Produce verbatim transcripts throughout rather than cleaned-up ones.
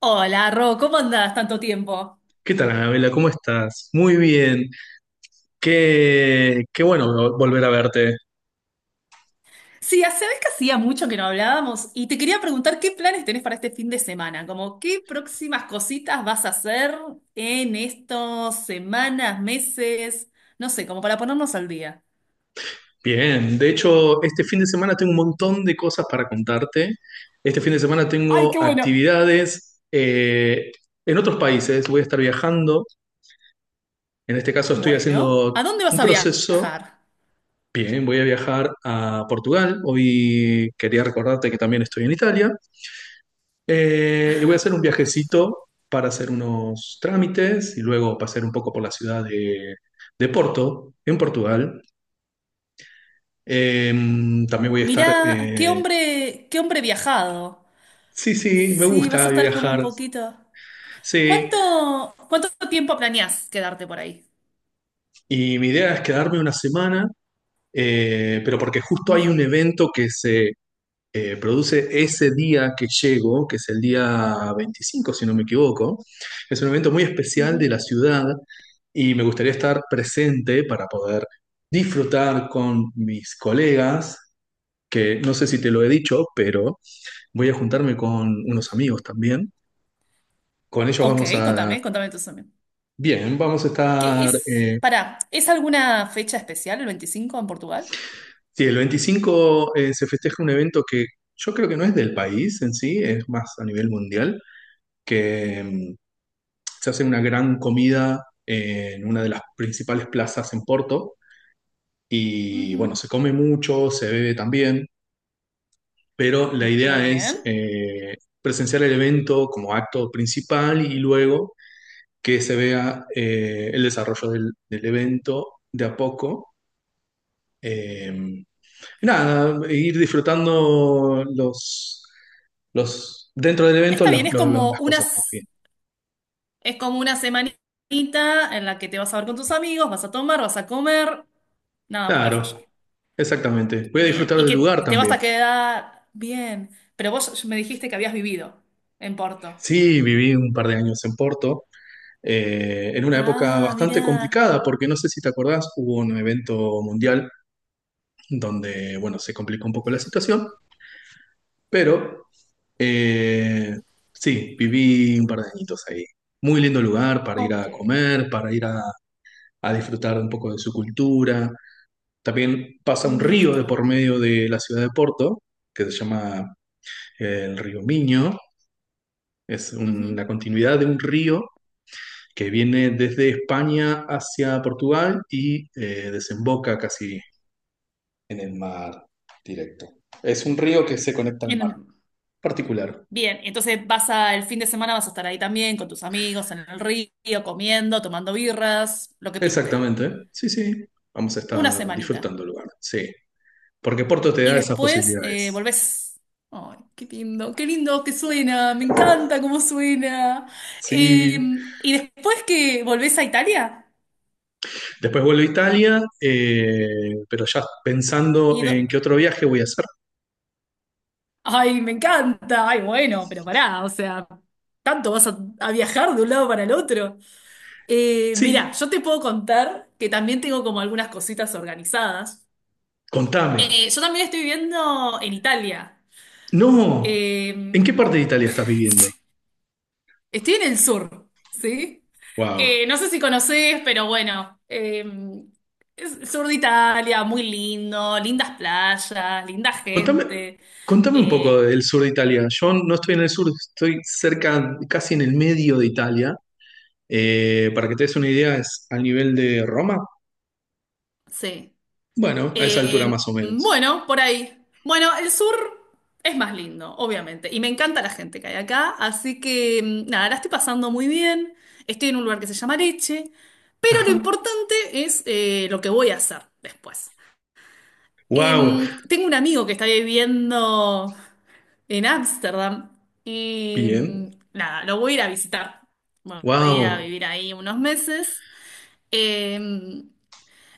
Hola, Ro, ¿cómo andás tanto tiempo? ¿Qué tal, Anabela? ¿Cómo estás? Muy bien. Qué, qué bueno vo- volver a verte. Sí, hace vez que hacía mucho que no hablábamos y te quería preguntar qué planes tenés para este fin de semana, como qué próximas cositas vas a hacer en estos semanas, meses, no sé, como para ponernos al día. Bien. De hecho, este fin de semana tengo un montón de cosas para contarte. Este fin de semana ¡Ay, tengo qué bueno! actividades eh, en otros países. Voy a estar viajando. En este caso estoy Bueno, haciendo ¿a dónde vas un a proceso. viajar? Bien, voy a viajar a Portugal. Hoy quería recordarte que también estoy en Italia. Eh, y voy a hacer un viajecito para hacer unos trámites y luego pasar un poco por la ciudad de, de Porto, en Portugal. Eh, También voy a estar... Mirá, qué eh, hombre, qué hombre viajado. Sí, sí, me Sí, vas gusta a estar como un viajar. poquito. Sí, ¿Cuánto, cuánto tiempo planeás quedarte por ahí? y mi idea es quedarme una semana, eh, pero porque justo Ujú, hay un evento que se, eh, produce ese día que llego, que es el día veinticinco si no me equivoco. Es un evento muy especial ujú. de la ciudad y me gustaría estar presente para poder disfrutar con mis colegas, que no sé si te lo he dicho, pero voy a juntarme con unos amigos también. Con ellos Ok, vamos a... contame, contame entonces también. Bien, vamos a ¿Qué estar... es? eh, Pará, ¿es alguna fecha especial el veinticinco en Portugal? Sí, el veinticinco eh, se festeja un evento que yo creo que no es del país en sí, es más a nivel mundial, que mm, se hace una gran comida en una de las principales plazas en Porto y bueno, se come mucho, se bebe también, pero la Ujú. Muy idea es bien. eh, presenciar el evento como acto principal y luego que se vea eh, el desarrollo del, del, evento de a poco. Eh, Nada, ir disfrutando los, los dentro del evento Está los, bien, es los, los, como las cosas más unas, bien. es como una semanita en la que te vas a ver con tus amigos, vas a tomar, vas a comer, nada puede Claro, fallar. exactamente. Voy a Bien, disfrutar y del que lugar te vas también. a quedar bien, pero vos me dijiste que habías vivido en Porto. Sí, viví un par de años en Porto, eh, en una época Ah, bastante mirá. complicada, porque no sé si te acordás, hubo un evento mundial donde, bueno, se complicó un poco la situación, pero eh, sí, viví un par de añitos ahí. Muy lindo lugar para ir Ok, a comer, para ir a, a disfrutar un poco de su cultura. También pasa un me río de gusta. por medio de la ciudad de Porto, que se llama eh, el río Miño, es un- Ujú. la continuidad de un río que viene desde España hacia Portugal y eh, desemboca casi en el mar directo. Es un río que se conecta al mar En- particular. Bien, entonces vas a, el fin de semana vas a estar ahí también con tus amigos en el río, comiendo, tomando birras, lo que pinte. Exactamente, sí, sí. Vamos a Una estar semanita. disfrutando el lugar, sí. Porque Porto te Y da esas después eh, posibilidades. volvés. Ay, qué lindo, qué lindo que suena, me encanta cómo suena. Eh, Sí, y después que volvés a Italia, después vuelvo a Italia, eh, pero ya pensando y do- en qué otro viaje voy a hacer. ay, me encanta, ay, bueno, pero pará, o sea, tanto vas a, a viajar de un lado para el otro. Eh, mirá, Sí, yo te puedo contar que también tengo como algunas cositas organizadas. contame. Eh, yo también estoy viviendo en Italia. No, Eh, ¿en qué parte de Italia estás viviendo? Estoy en el sur, ¿sí? Wow. Eh, no sé si conocés, pero bueno, eh, es el sur de Italia, muy lindo, lindas playas, linda Contame, gente. contame un poco Eh, del sur de Italia. Yo no estoy en el sur, estoy cerca, casi en el medio de Italia. Eh, para que te des una idea, es al nivel de Roma. sí. Bueno, a esa altura Eh, más o menos. Bueno, por ahí. Bueno, el sur es más lindo, obviamente, y me encanta la gente que hay acá, así que mm, nada, la estoy pasando muy bien, estoy en un lugar que se llama Leche, pero lo Ajá. importante es eh, lo que voy a hacer después. Wow. Em, tengo un amigo que está viviendo en Ámsterdam y mm, Bien. nada, lo voy a ir a visitar. Bueno, voy a ir a Wow. vivir ahí unos meses. Em,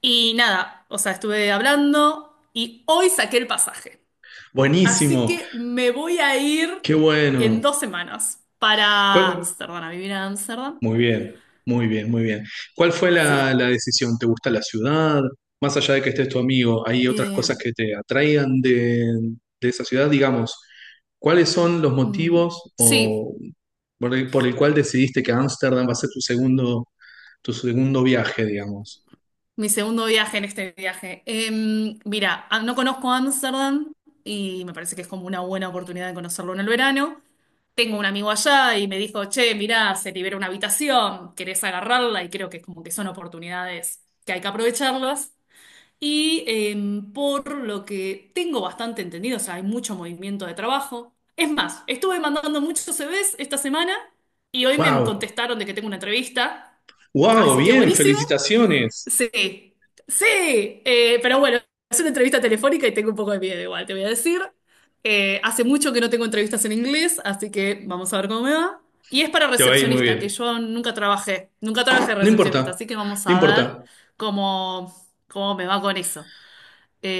y nada, o sea, estuve hablando y hoy saqué el pasaje. Así Buenísimo. que me voy a ir Qué en bueno. dos semanas para ¿Cuál? Ámsterdam, a vivir a Ámsterdam. Muy bien, muy bien, muy bien. ¿Cuál fue la, Sí. la decisión? ¿Te gusta la ciudad? Más allá de que estés tu amigo, ¿hay otras Eh, cosas que te atraigan de, de esa ciudad? Digamos, ¿cuáles son los mm, motivos sí, o por el, por el cual decidiste que Ámsterdam va a ser tu segundo, tu segundo viaje, digamos? mi segundo viaje en este viaje. Eh, mira, ah, no conozco Ámsterdam y me parece que es como una buena oportunidad de conocerlo en el verano. Tengo un amigo allá y me dijo, che, mirá, se libera una habitación, querés agarrarla y creo que como que son oportunidades que hay que aprovecharlas. Y em, por lo que tengo bastante entendido, o sea, hay mucho movimiento de trabajo. Es más, estuve mandando muchos C V s esta semana y hoy me ¡Wow! contestaron de que tengo una entrevista. ¡Wow! Así que Bien, buenísimo. felicitaciones. Sí, sí. Eh, pero bueno, es una entrevista telefónica y tengo un poco de miedo igual, te voy a decir. Eh, hace mucho que no tengo entrevistas en inglés, así que vamos a ver cómo me va. Y es para Te va a ir muy recepcionista, que bien. yo nunca trabajé, nunca trabajé de No importa, recepcionista, así que vamos no a ver importa. cómo, cómo me va con eso.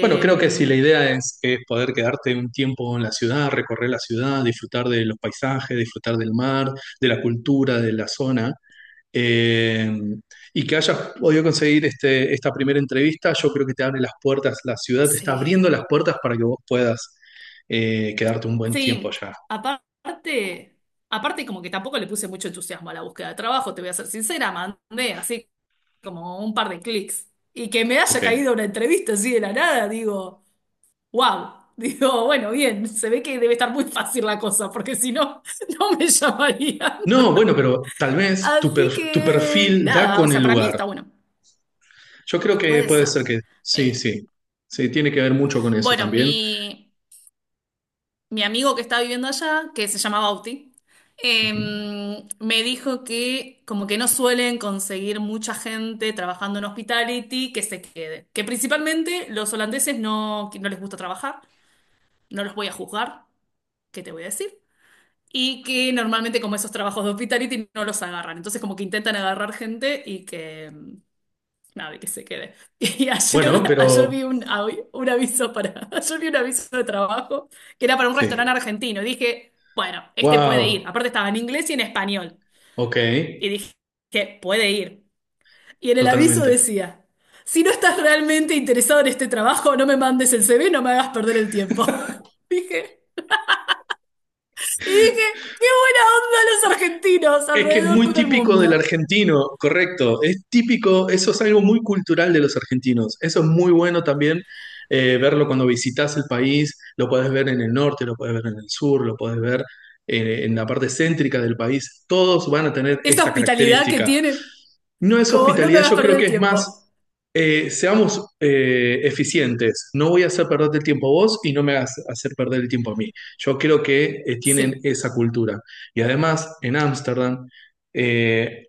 Bueno, creo que si la idea es, es poder quedarte un tiempo en la ciudad, recorrer la ciudad, disfrutar de los paisajes, disfrutar del mar, de la cultura, de la zona, eh, y que hayas podido conseguir este, esta primera entrevista, yo creo que te abre las puertas, la ciudad te está sí. abriendo las puertas para que vos puedas eh, quedarte un buen tiempo Sí, allá. aparte, aparte como que tampoco le puse mucho entusiasmo a la búsqueda de trabajo, te voy a ser sincera, mandé así como un par de clics. Y que me haya Ok. caído una entrevista así de la nada, digo, wow. Digo, bueno, bien, se ve que debe estar muy fácil la cosa, porque si no, no me llamarían. No, bueno, pero tal vez tu, Así per- tu que, perfil da nada, o con el sea, para mí lugar. está bueno. Yo creo que Puede puede ser. ser que sí, Eh, sí. Sí, tiene que ver mucho con eso bueno, también. mi... mi amigo que está viviendo allá, que se llama Bauti, Ujú. em, me dijo que como que no suelen conseguir mucha gente trabajando en hospitality que se quede. Que principalmente los holandeses no, que no les gusta trabajar, no los voy a juzgar, ¿qué te voy a decir? Y que normalmente como esos trabajos de hospitality no los agarran. Entonces como que intentan agarrar gente y que... em, nada, que se quede. Y ayer, Bueno, ayer pero vi un, avi- un aviso para, ayer vi un aviso de trabajo que era para un restaurante sí. argentino. Y dije, bueno, este puede ir. Wow. Aparte estaba en inglés y en español. Ok. Y dije, que puede ir. Y en el aviso Totalmente. decía, si no estás realmente interesado en este trabajo, no me mandes el C V, no me hagas perder el tiempo. Dije, y dije, qué buena onda los argentinos Es que es muy alrededor del típico del mundo. argentino, correcto. Es típico, eso es algo muy cultural de los argentinos. Eso es muy bueno también eh, verlo cuando visitas el país. Lo puedes ver en el norte, lo puedes ver en el sur, lo puedes ver eh, en la parte céntrica del país. Todos van a tener Esa esta hospitalidad que característica. tienen, No es como no me hospitalidad, hagas yo creo perder el que es tiempo. más, eh, seamos eh, eficientes. No voy a hacer perderte el tiempo a vos y no me hagas hacer perder el tiempo a mí. Yo creo que eh, tienen Sí, esa cultura. Y además, en Ámsterdam, eh,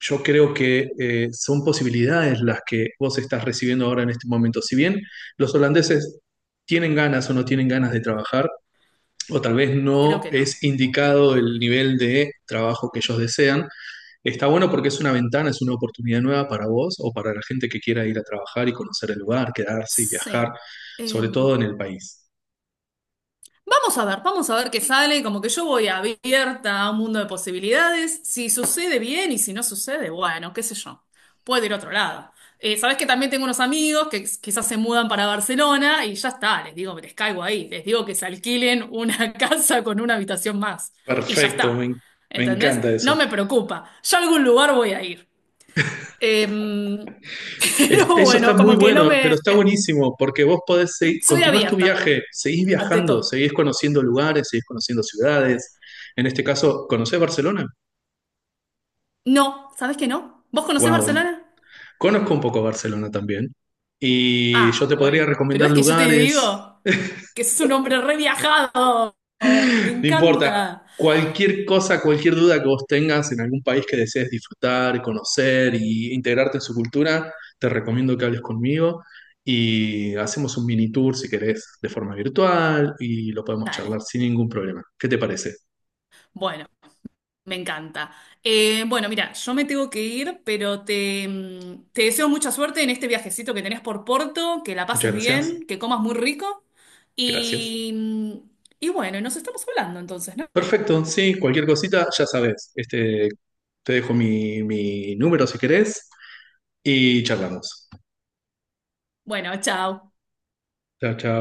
yo creo que eh, son posibilidades las que vos estás recibiendo ahora en este momento. Si bien los holandeses tienen ganas o no tienen ganas de trabajar, o tal vez creo no que es no. indicado el nivel de trabajo que ellos desean, está bueno porque es una ventana, es una oportunidad nueva para vos o para la gente que quiera ir a trabajar y conocer el lugar, quedarse y viajar, Sí. sobre todo Em, en el país. Vamos a ver, vamos a ver qué sale. Como que yo voy abierta a un mundo de posibilidades. Si sucede bien y si no sucede, bueno, qué sé yo. Puedo ir a otro lado. Eh, sabés que también tengo unos amigos que quizás se mudan para Barcelona y ya está, les digo, les caigo ahí, les digo que se alquilen una casa con una habitación más y ya Perfecto, me, está. en- me ¿Entendés? encanta eso. No me preocupa. Yo a algún lugar voy a ir. Em, Es- pero Eso está bueno, muy como que no bueno, pero me... está buenísimo porque vos podés seguir, Soy continuás tu abierta, viaje, seguís ante viajando, todo. seguís conociendo lugares, seguís conociendo ciudades. En este caso, ¿conocés Barcelona? No, ¿sabes que no? ¿Vos conocés Wow, Barcelona? conozco un poco Barcelona también. Y yo Ah, te podría bueno. Pero recomendar es que yo te lugares. digo que sos un hombre re viajado. Me No importa. encanta. Cualquier cosa, cualquier duda que vos tengas en algún país que desees disfrutar, conocer y integrarte en su cultura, te recomiendo que hables conmigo y hacemos un mini tour si querés de forma virtual y lo podemos charlar Dale. sin ningún problema. ¿Qué te parece? Bueno, me encanta. Eh, bueno, mira, yo me tengo que ir, pero te, mm, te deseo mucha suerte en este viajecito que tenés por Porto, que la pases Muchas gracias. bien, que comas muy rico. Gracias. Y, mm, y bueno, nos estamos hablando entonces, ¿no? Perfecto, sí, cualquier cosita, ya sabes. Este, te dejo mi, mi número si querés y charlamos. Bueno, chao. Chao, chao.